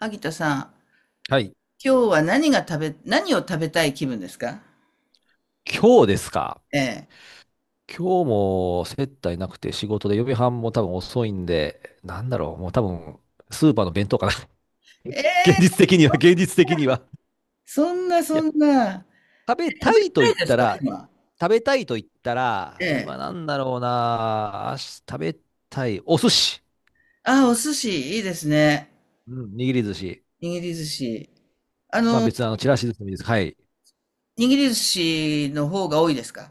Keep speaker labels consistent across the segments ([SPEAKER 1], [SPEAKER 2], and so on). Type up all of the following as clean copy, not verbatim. [SPEAKER 1] 萩田さん、
[SPEAKER 2] はい。
[SPEAKER 1] 今日は何が食べ、何を食べたい気分ですか？
[SPEAKER 2] 今日ですか。
[SPEAKER 1] ええ。
[SPEAKER 2] 今日も接待なくて仕事で予備班も多分遅いんで、もう多分スーパーの弁当かな。
[SPEAKER 1] え
[SPEAKER 2] 現
[SPEAKER 1] え、
[SPEAKER 2] 実的には、現実的には。
[SPEAKER 1] そんな
[SPEAKER 2] い
[SPEAKER 1] そ
[SPEAKER 2] や、
[SPEAKER 1] んな。
[SPEAKER 2] 食べ
[SPEAKER 1] 食
[SPEAKER 2] た
[SPEAKER 1] べ
[SPEAKER 2] いと
[SPEAKER 1] た
[SPEAKER 2] 言
[SPEAKER 1] い
[SPEAKER 2] っ
[SPEAKER 1] です
[SPEAKER 2] た
[SPEAKER 1] か
[SPEAKER 2] ら、
[SPEAKER 1] 今？
[SPEAKER 2] 食べたいと言った
[SPEAKER 1] え
[SPEAKER 2] ら、今
[SPEAKER 1] え。
[SPEAKER 2] なんだろうな、あし食べたい、お寿司。
[SPEAKER 1] ああ、お寿司、いいですね。
[SPEAKER 2] うん、握り寿司。
[SPEAKER 1] 握り寿司。あ
[SPEAKER 2] まあ
[SPEAKER 1] の、
[SPEAKER 2] 別にちらし寿司でもいいです。はい。
[SPEAKER 1] 握り寿司の方が多いですか？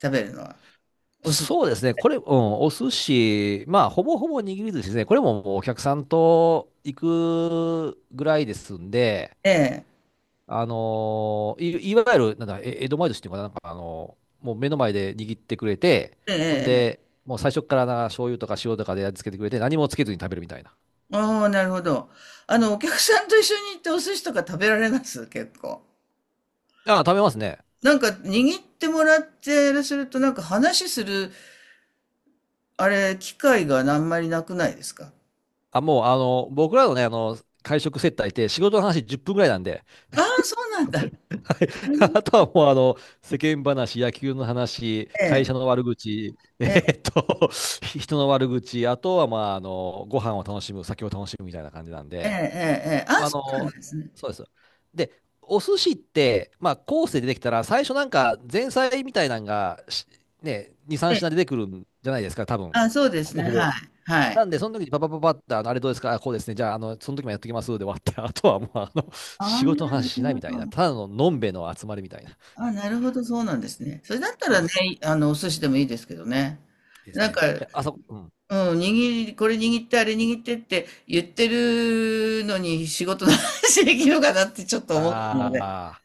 [SPEAKER 1] 食べるのは。お寿司。
[SPEAKER 2] そうですね。これ、うん、お寿司、まあ、ほぼほぼ握り寿司ですね。これももうお客さんと行くぐらいですんで、
[SPEAKER 1] ええ。
[SPEAKER 2] いわゆる、なんだ、え江戸前寿司っていうのかな、もう目の前で握ってくれて、
[SPEAKER 1] ええ、
[SPEAKER 2] ほん
[SPEAKER 1] ええ。
[SPEAKER 2] で、もう最初から醤油とか塩とかで味付けてくれて、何もつけずに食べるみたいな。
[SPEAKER 1] ああ、なるほど。お客さんと一緒に行ってお寿司とか食べられます結構。
[SPEAKER 2] あ、食べますね。
[SPEAKER 1] なんか、握ってもらってすると、なんか話する機会があんまりなくないですか？
[SPEAKER 2] あ、もう、あの、僕らのね、会食接待って仕事の話10分ぐらいなんで、
[SPEAKER 1] ああ、そうなんだ。あれ
[SPEAKER 2] あとはもう、世間話、野球の話、
[SPEAKER 1] え
[SPEAKER 2] 会
[SPEAKER 1] え、
[SPEAKER 2] 社の悪口、
[SPEAKER 1] ええ、
[SPEAKER 2] 人の悪口、あとは、ご飯を楽しむ、酒を楽しむみたいな感じなん
[SPEAKER 1] ええ、
[SPEAKER 2] で、
[SPEAKER 1] ええ、ああ、
[SPEAKER 2] あ
[SPEAKER 1] そうなん
[SPEAKER 2] の、
[SPEAKER 1] ですね。
[SPEAKER 2] そうです。で、お寿司って、まあ、コースで出てきたら、最初なんか前菜みたいなのが、2、3
[SPEAKER 1] ええ、
[SPEAKER 2] 品出てくるんじゃないですか、多分。
[SPEAKER 1] ああ、そうで
[SPEAKER 2] ほ
[SPEAKER 1] す
[SPEAKER 2] ぼ
[SPEAKER 1] ね。
[SPEAKER 2] ほ
[SPEAKER 1] は
[SPEAKER 2] ぼ。
[SPEAKER 1] い、はい。
[SPEAKER 2] なんで、その時にパパパパって、あれどうですか、あこうですね、じゃあ、その時もやってきますで終わって、あとはもう、
[SPEAKER 1] あ
[SPEAKER 2] 仕
[SPEAKER 1] あ、な
[SPEAKER 2] 事の話
[SPEAKER 1] る
[SPEAKER 2] しないみたい
[SPEAKER 1] ほ
[SPEAKER 2] な、
[SPEAKER 1] ど。
[SPEAKER 2] ただののんべえの集まりみたいな。
[SPEAKER 1] ああ、なるほど、そうなんですね。それだった
[SPEAKER 2] そ
[SPEAKER 1] ら
[SPEAKER 2] うで
[SPEAKER 1] ね、
[SPEAKER 2] す。
[SPEAKER 1] お寿司でもいいですけどね。
[SPEAKER 2] です
[SPEAKER 1] なんか、
[SPEAKER 2] ね。であそこ、うん。
[SPEAKER 1] うん、これ握って、あれ握ってって言ってるのに仕事の話できるかなってちょっと思ったので。
[SPEAKER 2] ああ。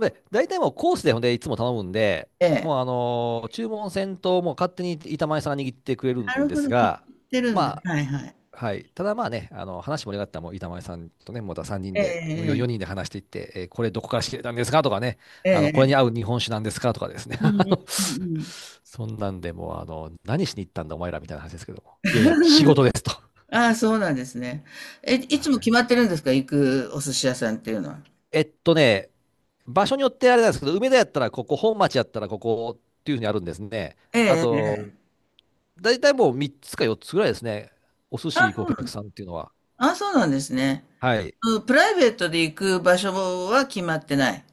[SPEAKER 2] で、大体もうコースでほんでいつも頼むんで、
[SPEAKER 1] ええ。
[SPEAKER 2] もう注文せんと、もう勝手に板前さんが握ってくれる
[SPEAKER 1] な
[SPEAKER 2] ん
[SPEAKER 1] る
[SPEAKER 2] で
[SPEAKER 1] ほ
[SPEAKER 2] す
[SPEAKER 1] ど、聞い
[SPEAKER 2] が、
[SPEAKER 1] てるんだ。
[SPEAKER 2] ま
[SPEAKER 1] はいはい。
[SPEAKER 2] あ、はい。ただまあね、話盛り上がったらもう板前さんとね、また3人
[SPEAKER 1] え
[SPEAKER 2] で、
[SPEAKER 1] え、
[SPEAKER 2] 4人で話していって、えーこれどこから仕入れたんですかとかね、
[SPEAKER 1] ええ、
[SPEAKER 2] これ
[SPEAKER 1] え
[SPEAKER 2] に合
[SPEAKER 1] え。
[SPEAKER 2] う日本酒なんですかとかですね。
[SPEAKER 1] うんうんうんうん。
[SPEAKER 2] そんなんでもう、何しに行ったんだお前らみたいな話ですけども。いやいや、仕 事ですと。
[SPEAKER 1] ああ、そうなんですね。え、い
[SPEAKER 2] は
[SPEAKER 1] つも決
[SPEAKER 2] い。
[SPEAKER 1] まってるんですか？行くお寿司屋さんっていうのは。
[SPEAKER 2] えっとね、場所によってあれなんですけど、梅田やったらここ、本町やったらここっていうふうにあるんですね。
[SPEAKER 1] え
[SPEAKER 2] あ
[SPEAKER 1] え、
[SPEAKER 2] と、
[SPEAKER 1] ええ。
[SPEAKER 2] 大体もう3つか4つぐらいですね。お寿
[SPEAKER 1] あ
[SPEAKER 2] 司
[SPEAKER 1] あ、
[SPEAKER 2] 行
[SPEAKER 1] そ
[SPEAKER 2] く
[SPEAKER 1] う
[SPEAKER 2] お
[SPEAKER 1] な
[SPEAKER 2] 客
[SPEAKER 1] ん、
[SPEAKER 2] さんっていうのは。
[SPEAKER 1] ああ、そうなんですね。
[SPEAKER 2] はい。
[SPEAKER 1] うん。プライベートで行く場所は決まってない。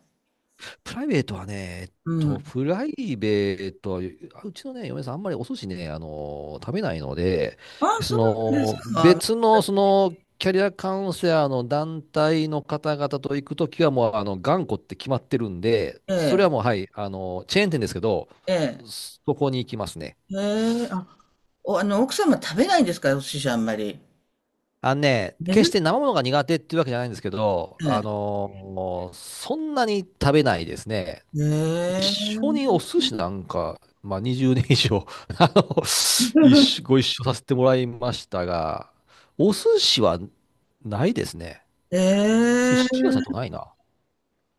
[SPEAKER 2] プライベートはね、えっ
[SPEAKER 1] う
[SPEAKER 2] と、
[SPEAKER 1] ん。
[SPEAKER 2] プライベートは、あうちのね、嫁さん、あんまりお寿司ね、食べないので、
[SPEAKER 1] ああ、
[SPEAKER 2] そ
[SPEAKER 1] そう
[SPEAKER 2] の、
[SPEAKER 1] なんだ。
[SPEAKER 2] 別の、その、キャリアカウンセラーの団体の方々と行くときは、もう、あの、頑固って決まってるんで、
[SPEAKER 1] え
[SPEAKER 2] それは
[SPEAKER 1] え、
[SPEAKER 2] もう、はい、チェーン店ですけど、
[SPEAKER 1] ええ、
[SPEAKER 2] そこに行きますね。
[SPEAKER 1] ええ、あ、お、あの、奥様食べないんですかお寿司あんまり？
[SPEAKER 2] あのね、
[SPEAKER 1] 珍
[SPEAKER 2] 決し
[SPEAKER 1] し
[SPEAKER 2] て生ものが苦手っていうわけじゃないんですけど、
[SPEAKER 1] いね。
[SPEAKER 2] そんなに食べないですね。一
[SPEAKER 1] え
[SPEAKER 2] 緒にお
[SPEAKER 1] え、
[SPEAKER 2] 寿司なんか、まあ、20年以上 あの一緒ご一 緒させてもらいましたが、お寿司はないですね。
[SPEAKER 1] え
[SPEAKER 2] 寿
[SPEAKER 1] え、
[SPEAKER 2] 司屋さんと
[SPEAKER 1] ええ、
[SPEAKER 2] かないな。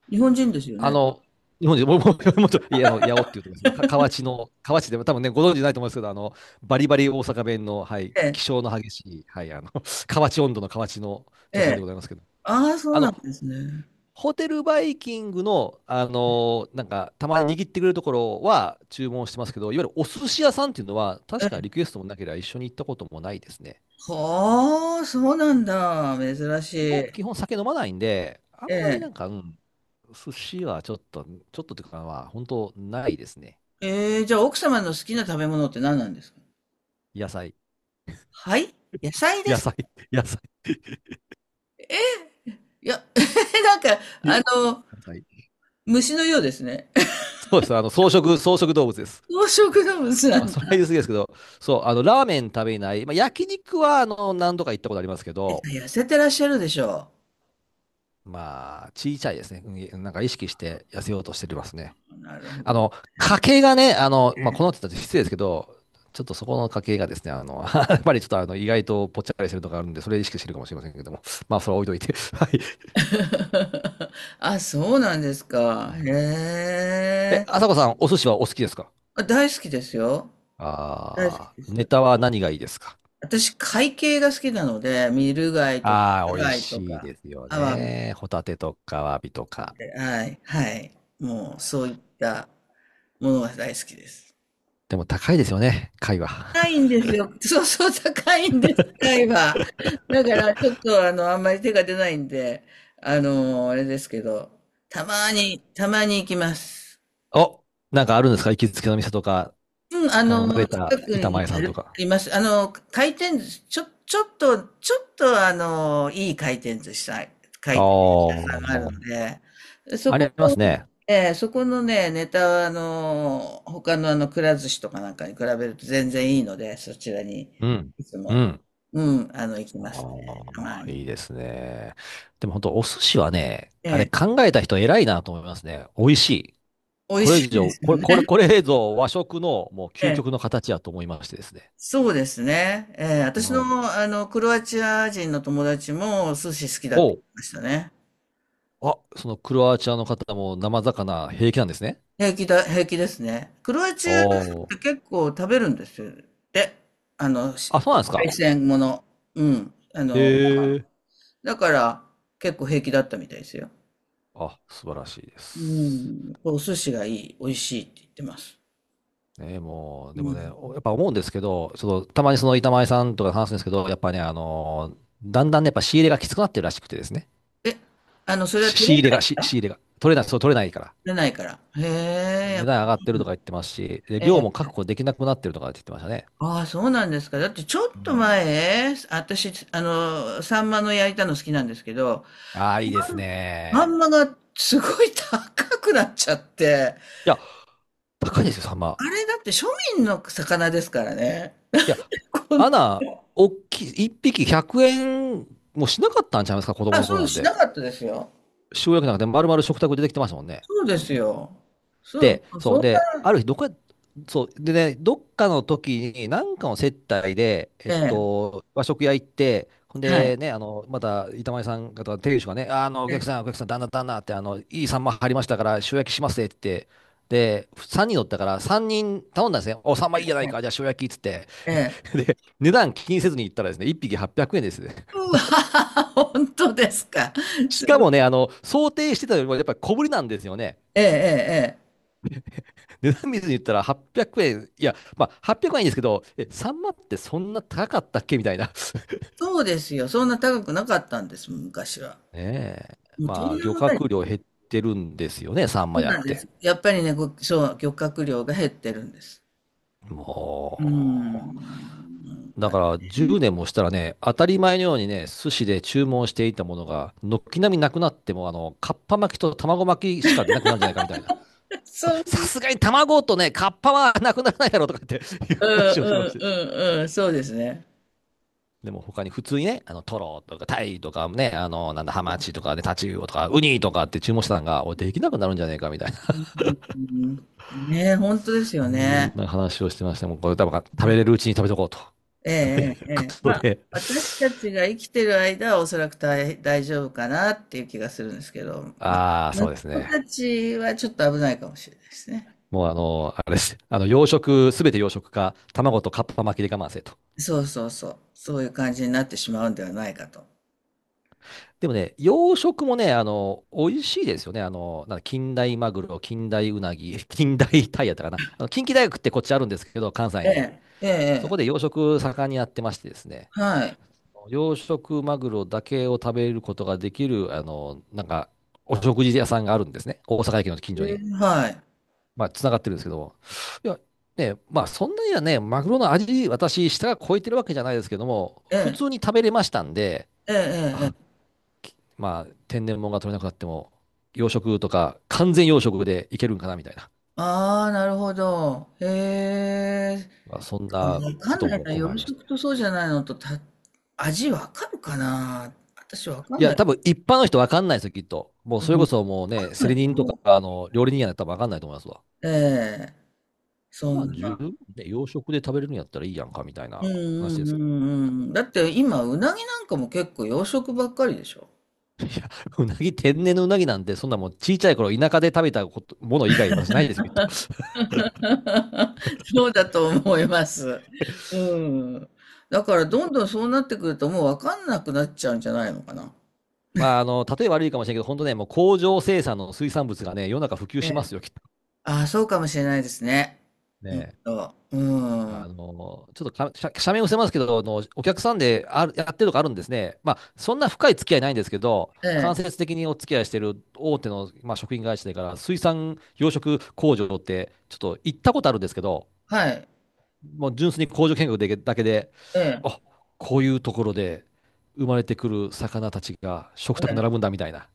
[SPEAKER 1] 日本人ですよ
[SPEAKER 2] あ
[SPEAKER 1] ね。
[SPEAKER 2] の、日本人、もう、もう、もうちょっと、いや、あの、八尾っていうところですけど、河内の、河内でも多分ね、ご存知ないと思いますけど、バリバリ大阪弁の、はい、
[SPEAKER 1] え
[SPEAKER 2] 気
[SPEAKER 1] え、
[SPEAKER 2] 性の激しい、はい、河内温度の河内の
[SPEAKER 1] え
[SPEAKER 2] 女性で
[SPEAKER 1] え、
[SPEAKER 2] ございますけど、
[SPEAKER 1] ああ、そう
[SPEAKER 2] あ
[SPEAKER 1] な
[SPEAKER 2] の、
[SPEAKER 1] んですね。
[SPEAKER 2] ホテルバイキングの、たまに握ってくれるところは注文してますけど、いわゆるお寿司屋さんっていうのは、確かリクエストもなければ一緒に行ったこともないですね。
[SPEAKER 1] はあ、そうなんだ。珍しい。え
[SPEAKER 2] 基本酒飲まないんで、あんまりな
[SPEAKER 1] え。
[SPEAKER 2] んか、うん、寿司はちょっと、ちょっとというか、まあ、本当ないですね。
[SPEAKER 1] ええ、じゃあ奥様の好きな食べ物って何なんですか？
[SPEAKER 2] 野菜。
[SPEAKER 1] はい。野菜で
[SPEAKER 2] 野
[SPEAKER 1] すか？
[SPEAKER 2] 菜。野菜。
[SPEAKER 1] いや、なんか、
[SPEAKER 2] 野菜。
[SPEAKER 1] 虫のようですね。
[SPEAKER 2] そうです。草食動物です。
[SPEAKER 1] 草食の虫な
[SPEAKER 2] まあ、
[SPEAKER 1] ん
[SPEAKER 2] それは
[SPEAKER 1] だ。
[SPEAKER 2] 言い過ぎですけど、そう、ラーメン食べない。まあ、焼肉は、何度か行ったことありますけど、
[SPEAKER 1] 痩せてらっしゃるでしょ
[SPEAKER 2] まあ、小さいですね。うんなんか意識して痩せようとしてますね。
[SPEAKER 1] う。なるほど。
[SPEAKER 2] あの、家計がね、まあ、このって言ったら失礼ですけど、ちょっとそこの家計がですね、やっぱりちょっと意外とぽっちゃかりしてるとこあるんで、それ意識してるかもしれませんけども。まあ、それは置いといて。はい。
[SPEAKER 1] あ、そうなんですか。へ
[SPEAKER 2] え、
[SPEAKER 1] え。
[SPEAKER 2] あさこさん、お寿司はお好きですか？
[SPEAKER 1] あ、大好きですよ。大好き
[SPEAKER 2] ああ
[SPEAKER 1] で
[SPEAKER 2] ー、ネ
[SPEAKER 1] す。
[SPEAKER 2] タは何がいいですか？
[SPEAKER 1] 私、海系が好きなので、ミル貝とか、
[SPEAKER 2] ああ
[SPEAKER 1] タ
[SPEAKER 2] ー、美味
[SPEAKER 1] 貝と
[SPEAKER 2] しい
[SPEAKER 1] か、
[SPEAKER 2] ですよ
[SPEAKER 1] アワビ。
[SPEAKER 2] ね。ホタテとか、アワビとか。
[SPEAKER 1] はい、はい。もう、そういったものが大好きです。
[SPEAKER 2] でも高いですよね、貝は。
[SPEAKER 1] 高いんですよ。そうそう、高いんです、高いは。だから、ちょっと、あんまり手が出ないんで、あれですけど、たまに、たまに行きます。
[SPEAKER 2] お、なんかあるんですか行きつけの店とか、
[SPEAKER 1] うん、
[SPEAKER 2] 慣れ
[SPEAKER 1] 近
[SPEAKER 2] た
[SPEAKER 1] く
[SPEAKER 2] 板
[SPEAKER 1] に
[SPEAKER 2] 前さ
[SPEAKER 1] あ
[SPEAKER 2] んと
[SPEAKER 1] るあ
[SPEAKER 2] か。
[SPEAKER 1] ります。回転寿司、ちょっと、いい回転寿司さん、回
[SPEAKER 2] あ
[SPEAKER 1] 転寿司
[SPEAKER 2] あ、
[SPEAKER 1] 屋さんがあるので、そ
[SPEAKER 2] あ
[SPEAKER 1] こ
[SPEAKER 2] ります
[SPEAKER 1] のね、
[SPEAKER 2] ね。
[SPEAKER 1] そこのね、ネタは、他のくら寿司とかなんかに比べると全然いいので、そちらに、
[SPEAKER 2] うん。
[SPEAKER 1] いつ
[SPEAKER 2] う
[SPEAKER 1] も、
[SPEAKER 2] ん。
[SPEAKER 1] うん、行きますね。たま
[SPEAKER 2] ああ、いい
[SPEAKER 1] に。
[SPEAKER 2] ですね。でも本当、お寿司はね、
[SPEAKER 1] え
[SPEAKER 2] あれ
[SPEAKER 1] え、
[SPEAKER 2] 考えた人偉いなと思いますね。美味しい。
[SPEAKER 1] 美味
[SPEAKER 2] これ
[SPEAKER 1] し
[SPEAKER 2] 以
[SPEAKER 1] いで
[SPEAKER 2] 上、
[SPEAKER 1] す
[SPEAKER 2] こ
[SPEAKER 1] よ
[SPEAKER 2] れ、
[SPEAKER 1] ね。
[SPEAKER 2] これ、これぞ和食のもう究
[SPEAKER 1] ええ、
[SPEAKER 2] 極の形やと思いましてですね。
[SPEAKER 1] そうですね。ええ、
[SPEAKER 2] う
[SPEAKER 1] 私の、
[SPEAKER 2] ん。
[SPEAKER 1] クロアチア人の友達も、寿司好きだって
[SPEAKER 2] ほ
[SPEAKER 1] 言っ
[SPEAKER 2] う。
[SPEAKER 1] てましたね。
[SPEAKER 2] あ、そのクロアチアの方も生魚平気なんですね。
[SPEAKER 1] 平気だ、平気ですね。クロアチ
[SPEAKER 2] お
[SPEAKER 1] アって
[SPEAKER 2] お。
[SPEAKER 1] 結構食べるんですよ。で、あの、し
[SPEAKER 2] あ、そうなんですか。
[SPEAKER 1] 海鮮もの。うん。
[SPEAKER 2] へえ。
[SPEAKER 1] だから結構平気だったみたいですよ。
[SPEAKER 2] あ、素晴らしいで
[SPEAKER 1] う
[SPEAKER 2] す。
[SPEAKER 1] ん。お寿司がいい、美味しいって言ってます。
[SPEAKER 2] ね、もう、
[SPEAKER 1] う
[SPEAKER 2] でもね、
[SPEAKER 1] ん。
[SPEAKER 2] やっぱ思うんですけど、その、たまにその板前さんとか話すんですけど、やっぱね、だんだんね、やっぱ仕入れがきつくなってるらしくてですね。
[SPEAKER 1] え、あの、それは取
[SPEAKER 2] 仕
[SPEAKER 1] れな
[SPEAKER 2] 入れ
[SPEAKER 1] い
[SPEAKER 2] が、
[SPEAKER 1] から
[SPEAKER 2] 仕入れが。取れない、そう、取れないから。
[SPEAKER 1] へえ、や
[SPEAKER 2] 値
[SPEAKER 1] っぱ
[SPEAKER 2] 段上
[SPEAKER 1] り
[SPEAKER 2] がっ
[SPEAKER 1] い
[SPEAKER 2] て
[SPEAKER 1] い
[SPEAKER 2] る
[SPEAKER 1] ん
[SPEAKER 2] とか
[SPEAKER 1] だ。
[SPEAKER 2] 言ってますし、で、
[SPEAKER 1] え
[SPEAKER 2] 量
[SPEAKER 1] え。
[SPEAKER 2] も確保できなくなってるとかって言ってましたね。
[SPEAKER 1] ああ、そうなんですか。だってちょ
[SPEAKER 2] う
[SPEAKER 1] っと
[SPEAKER 2] ん。
[SPEAKER 1] 前、私、サンマの焼いたの好きなんですけど、
[SPEAKER 2] ああ、いいです
[SPEAKER 1] サ
[SPEAKER 2] ね。
[SPEAKER 1] ンマがすごい高くなっちゃって、
[SPEAKER 2] いや、高いですよ、サンマ。
[SPEAKER 1] あれだって庶民の魚ですからね。
[SPEAKER 2] いや、
[SPEAKER 1] こん
[SPEAKER 2] ア
[SPEAKER 1] な、
[SPEAKER 2] ナ、おっきい、一匹100円もしなかったんちゃいますか、子供
[SPEAKER 1] あ、
[SPEAKER 2] の頃
[SPEAKER 1] そ
[SPEAKER 2] な
[SPEAKER 1] う
[SPEAKER 2] ん
[SPEAKER 1] し
[SPEAKER 2] で。
[SPEAKER 1] なかったですよ。
[SPEAKER 2] 塩焼きなんかで丸々食卓で出てきてましたもんね。
[SPEAKER 1] そうですよ。そう、
[SPEAKER 2] で、
[SPEAKER 1] そ
[SPEAKER 2] そう、
[SPEAKER 1] んな、
[SPEAKER 2] で、ある日、どっか、そう、でね、どっかの時に、なんかの接待で、
[SPEAKER 1] ええ、
[SPEAKER 2] 和食屋行って、ほん
[SPEAKER 1] はい。
[SPEAKER 2] でね、あの、また、板前さん方、店主がね、お
[SPEAKER 1] ええ、
[SPEAKER 2] 客さん、旦那、旦那って、いいサンマ入りましたから、塩焼きしますねって、で、3人乗ったから、3人頼んだんですね。お、サンマいいじゃないか、じゃあ塩焼きっつって。
[SPEAKER 1] ええ。
[SPEAKER 2] で、値段気にせずに行ったらですね、1匹800円ですね。
[SPEAKER 1] う わ、
[SPEAKER 2] もう
[SPEAKER 1] 本当ですか。
[SPEAKER 2] し
[SPEAKER 1] す
[SPEAKER 2] か
[SPEAKER 1] ご
[SPEAKER 2] もね、
[SPEAKER 1] い。
[SPEAKER 2] 想定してたよりも、やっぱり小ぶりなんですよね。
[SPEAKER 1] ええ、ええ、ええ。
[SPEAKER 2] 値段見ずに言ったら800円、いや、まあ、800円はいいんですけど、え、サンマってそんな高かったっけみたいな。
[SPEAKER 1] そうですよ。そんな高くなかったんです、昔は。
[SPEAKER 2] ねえ。
[SPEAKER 1] もうとん
[SPEAKER 2] ま
[SPEAKER 1] で
[SPEAKER 2] あ、
[SPEAKER 1] も
[SPEAKER 2] 漁
[SPEAKER 1] ない。
[SPEAKER 2] 獲量減ってるんですよね、サン
[SPEAKER 1] そ
[SPEAKER 2] マ
[SPEAKER 1] う
[SPEAKER 2] やっ
[SPEAKER 1] なんで
[SPEAKER 2] て。
[SPEAKER 1] す。やっぱりね、そう、漁獲量が減ってるんです。うーん。
[SPEAKER 2] も
[SPEAKER 1] なん
[SPEAKER 2] う、だ
[SPEAKER 1] か、
[SPEAKER 2] から10年もしたらね、当たり前のようにね、寿司で注文していたものが、軒並みなくなっても、かっぱ巻きと卵巻きしか出なくなるんじゃないかみたいな。まあ
[SPEAKER 1] そう、
[SPEAKER 2] さすがに卵とね、かっぱはなくならないだろうとかっていう
[SPEAKER 1] うん
[SPEAKER 2] 話をしてま
[SPEAKER 1] うん
[SPEAKER 2] して。
[SPEAKER 1] うんうん、そうですね。
[SPEAKER 2] でも他に普通にね、トロとかタイとかね、あの、なんだ、ハマチとかねタチウオとか、ウニとかって注文してたのが、おい、できなくなるんじゃねえかみたいな、
[SPEAKER 1] うん、ねえ、本当です
[SPEAKER 2] う
[SPEAKER 1] よ
[SPEAKER 2] ー
[SPEAKER 1] ね。
[SPEAKER 2] なんか話をしてまして、もうこれ多分食べ
[SPEAKER 1] ね
[SPEAKER 2] れるうちに食べとこうと
[SPEAKER 1] え
[SPEAKER 2] い
[SPEAKER 1] え、
[SPEAKER 2] う
[SPEAKER 1] え
[SPEAKER 2] こ
[SPEAKER 1] え、
[SPEAKER 2] とで、
[SPEAKER 1] 私たちが生きてる間はおそらく大丈夫かなっていう気がするんですけど、まあ、
[SPEAKER 2] ああ、そうです
[SPEAKER 1] 子た
[SPEAKER 2] ね。
[SPEAKER 1] ちはちょっと危ないかもしれないですね。
[SPEAKER 2] もうあれです。養殖、すべて養殖か、卵とカッパ巻きで我慢せと。
[SPEAKER 1] そうそうそう、そういう感じになってしまうんではないかと。
[SPEAKER 2] でもね、養殖もね、美味しいですよね。あの、なんだ近代マグロ、近代ウナギ、近代タイやったかな。あの近畿大学ってこっちあるんですけど、関西
[SPEAKER 1] え
[SPEAKER 2] に。
[SPEAKER 1] え、ええ、
[SPEAKER 2] そ
[SPEAKER 1] え
[SPEAKER 2] こ
[SPEAKER 1] え、
[SPEAKER 2] で養殖盛んにやってましてですね、
[SPEAKER 1] はい、
[SPEAKER 2] 養殖マグロだけを食べることができる、お食事屋さんがあるんですね。大阪駅の近
[SPEAKER 1] え
[SPEAKER 2] 所に。
[SPEAKER 1] え、はい、
[SPEAKER 2] まあ、つながってるんですけども。いや、ね、まあ、そんなにはね、マグロの味、私、舌が超えてるわけじゃないですけども、
[SPEAKER 1] え
[SPEAKER 2] 普
[SPEAKER 1] え、
[SPEAKER 2] 通に食べれましたんで、
[SPEAKER 1] ええ、ええ、
[SPEAKER 2] あ、まあ、天然物が取れなくなっても、養殖とか、完全養殖でいけるんかな、みたいな。
[SPEAKER 1] ああー、なるほど。へえ、
[SPEAKER 2] まあ、そんな
[SPEAKER 1] わか
[SPEAKER 2] こ
[SPEAKER 1] ん
[SPEAKER 2] と
[SPEAKER 1] ない
[SPEAKER 2] も
[SPEAKER 1] な、
[SPEAKER 2] 今回あ
[SPEAKER 1] 夜
[SPEAKER 2] りました。
[SPEAKER 1] 食とそうじゃないのとた、味わかるかな私わか
[SPEAKER 2] い
[SPEAKER 1] んな
[SPEAKER 2] や、
[SPEAKER 1] い。
[SPEAKER 2] 多分一般の人わかんないですよ、きっと。もう
[SPEAKER 1] う
[SPEAKER 2] それ
[SPEAKER 1] ん、
[SPEAKER 2] こ
[SPEAKER 1] わ
[SPEAKER 2] そもう
[SPEAKER 1] か
[SPEAKER 2] ね、
[SPEAKER 1] ん
[SPEAKER 2] セ
[SPEAKER 1] ない
[SPEAKER 2] リ
[SPEAKER 1] と
[SPEAKER 2] 人と
[SPEAKER 1] 思
[SPEAKER 2] か、
[SPEAKER 1] う。
[SPEAKER 2] 料理人やったら多分わかんないと思いますわ。
[SPEAKER 1] ええ、そ
[SPEAKER 2] まあ、
[SPEAKER 1] ん
[SPEAKER 2] 十
[SPEAKER 1] な。
[SPEAKER 2] 分ね、洋食で食べれるんやったらいいやんか、みたい
[SPEAKER 1] う
[SPEAKER 2] な
[SPEAKER 1] ん
[SPEAKER 2] 話
[SPEAKER 1] う
[SPEAKER 2] で
[SPEAKER 1] んう
[SPEAKER 2] す
[SPEAKER 1] んうん。だって今、うなぎなんかも結構洋食ばっかりでしょ
[SPEAKER 2] けど。うなぎ、天然のうなぎなんて、そんなもう小さい頃、田舎で食べたこともの以外、私ないですよ、きっと。
[SPEAKER 1] そうだと思います。うん。だからどんどんそうなってくるともうわかんなくなっちゃうんじゃないのかな。
[SPEAKER 2] まあ、例え悪いかもしれないけど、本当ね、もう工場生産の水産物がね、世の中普及
[SPEAKER 1] え
[SPEAKER 2] しま
[SPEAKER 1] え。
[SPEAKER 2] すよ、きっと。
[SPEAKER 1] ああ、そうかもしれないですね。
[SPEAKER 2] ね
[SPEAKER 1] う
[SPEAKER 2] あ
[SPEAKER 1] ん。
[SPEAKER 2] の、ちょっとか、社名を伏せますけど、お客さんである、やってるとかあるんですね。まあ、そんな深い付き合いないんですけど、
[SPEAKER 1] え
[SPEAKER 2] 間
[SPEAKER 1] え。
[SPEAKER 2] 接的にお付き合いしてる大手の、まあ、食品会社だから、水産養殖工場って、ちょっと行ったことあるんですけど、
[SPEAKER 1] はい。
[SPEAKER 2] もう純粋に工場見学でだけで、
[SPEAKER 1] ええ。
[SPEAKER 2] あ、こういうところで生まれてくる魚たちが食卓並
[SPEAKER 1] ええ、
[SPEAKER 2] ぶんだみたいな。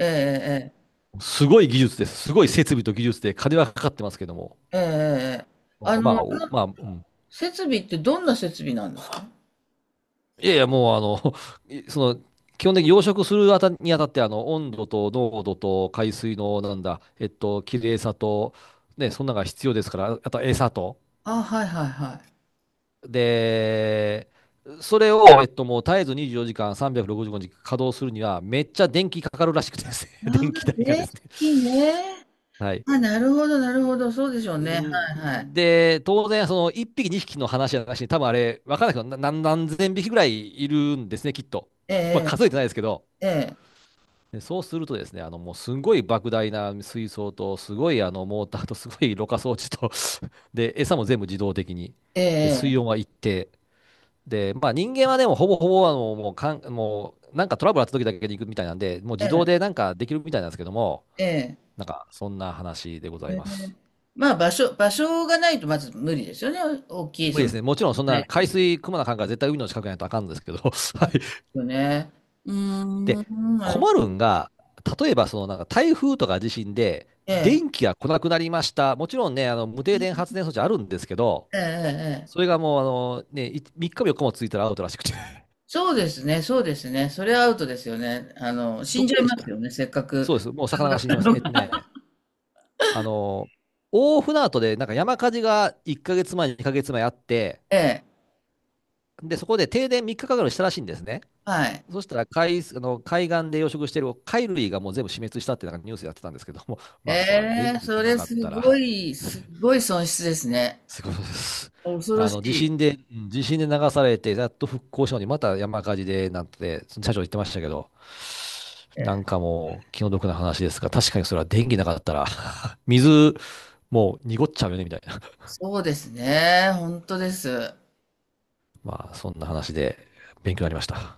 [SPEAKER 1] ええ、
[SPEAKER 2] すごい技術です。すごい設備と技術で金はかかってますけど
[SPEAKER 1] ええ、ええ、え
[SPEAKER 2] も。
[SPEAKER 1] え、ええ、あ
[SPEAKER 2] ま
[SPEAKER 1] の、
[SPEAKER 2] あ、お
[SPEAKER 1] な
[SPEAKER 2] まあ、うん
[SPEAKER 1] 設備ってどんな設備なんですか？
[SPEAKER 2] いやいや、もういその、基本的に養殖するあたにあたって、温度と濃度と海水の、なんだ、えっと、綺麗さと、ね、そんなのが必要ですから、あと餌と。
[SPEAKER 1] あ、はいはいは
[SPEAKER 2] で、それを、もう絶えず24時間365日稼働するには、めっちゃ電気かかるらしくてですね、
[SPEAKER 1] い。あ
[SPEAKER 2] 電気
[SPEAKER 1] あ、
[SPEAKER 2] 代がで
[SPEAKER 1] 電
[SPEAKER 2] す
[SPEAKER 1] 気
[SPEAKER 2] ね。
[SPEAKER 1] ね。
[SPEAKER 2] はい。
[SPEAKER 1] あ、なるほど、なるほど、そうでしょうね。は
[SPEAKER 2] ん
[SPEAKER 1] いはい。
[SPEAKER 2] で、当然、その1匹、2匹の話じゃなしに、多分あれ、わからないけど、何千匹ぐらいいるんですね、きっと。
[SPEAKER 1] え
[SPEAKER 2] まあ、
[SPEAKER 1] え、
[SPEAKER 2] 数えてないですけど。
[SPEAKER 1] ええ、
[SPEAKER 2] で、そうするとですね、もうすんごい莫大な水槽と、すごいあのモーターと、すごいろ過装置と で、餌も全部自動的に。
[SPEAKER 1] え
[SPEAKER 2] で、水温
[SPEAKER 1] え、
[SPEAKER 2] は一定。で、まあ人間はでもほぼほぼもうなんかトラブルあった時だけに行くみたいなんで、もう
[SPEAKER 1] え
[SPEAKER 2] 自動で
[SPEAKER 1] え、
[SPEAKER 2] なんかできるみたいなんですけども、
[SPEAKER 1] ええ、
[SPEAKER 2] なんかそんな話でござ
[SPEAKER 1] え
[SPEAKER 2] います。
[SPEAKER 1] え、まあ、場所がないとまず無理ですよね。大きい、
[SPEAKER 2] 無理ですね。もちろんそん
[SPEAKER 1] な
[SPEAKER 2] な
[SPEAKER 1] い
[SPEAKER 2] 海
[SPEAKER 1] で
[SPEAKER 2] 水、くまなかんから絶対海の近くにないとあかんんですけど、はい。
[SPEAKER 1] すよね。うー
[SPEAKER 2] で、
[SPEAKER 1] ん、なるほ
[SPEAKER 2] 困
[SPEAKER 1] ど。
[SPEAKER 2] るんが、例えばそのなんか台風とか地震で電気が来なくなりました。もちろんね、あの無停電発電装置あるんですけど、
[SPEAKER 1] ええ、ええ。え
[SPEAKER 2] そ
[SPEAKER 1] え、
[SPEAKER 2] れがもうあの、ね、3日も4日もついたらアウトらしくて。
[SPEAKER 1] そうですね、そうですね。それはアウトですよね。死
[SPEAKER 2] ど
[SPEAKER 1] んじ
[SPEAKER 2] こ
[SPEAKER 1] ゃい
[SPEAKER 2] でし
[SPEAKER 1] ます
[SPEAKER 2] た
[SPEAKER 1] よね、せっかく
[SPEAKER 2] そうです。もう魚
[SPEAKER 1] 育
[SPEAKER 2] が
[SPEAKER 1] っ
[SPEAKER 2] 死に
[SPEAKER 1] た
[SPEAKER 2] ます。
[SPEAKER 1] のが。
[SPEAKER 2] あの、大船渡でなんか山火事が1ヶ月前、2ヶ月前あって、
[SPEAKER 1] ええ、
[SPEAKER 2] で、そこで停電3日かるしたらしいんですね。
[SPEAKER 1] はい。
[SPEAKER 2] そしたら海、あの海岸で養殖してる貝類がもう全部死滅したってなんかニュースやってたんですけども、
[SPEAKER 1] え
[SPEAKER 2] まあそら電
[SPEAKER 1] え、
[SPEAKER 2] 気来
[SPEAKER 1] そ
[SPEAKER 2] な
[SPEAKER 1] れ
[SPEAKER 2] かっ
[SPEAKER 1] す
[SPEAKER 2] た
[SPEAKER 1] ご
[SPEAKER 2] ら
[SPEAKER 1] い、すごい損失ですね。
[SPEAKER 2] すごいことです。
[SPEAKER 1] 恐ろしい。
[SPEAKER 2] 地震で流されて、やっと復興したのに、また山火事で、なんて、社長言ってましたけど、
[SPEAKER 1] え
[SPEAKER 2] なん
[SPEAKER 1] え、
[SPEAKER 2] かもう、気の毒な話ですが、確かにそれは電気なかったら 水、もう濁っちゃうよね、みたいな。
[SPEAKER 1] そうですね、本当です。
[SPEAKER 2] まあ、そんな話で、勉強になりました。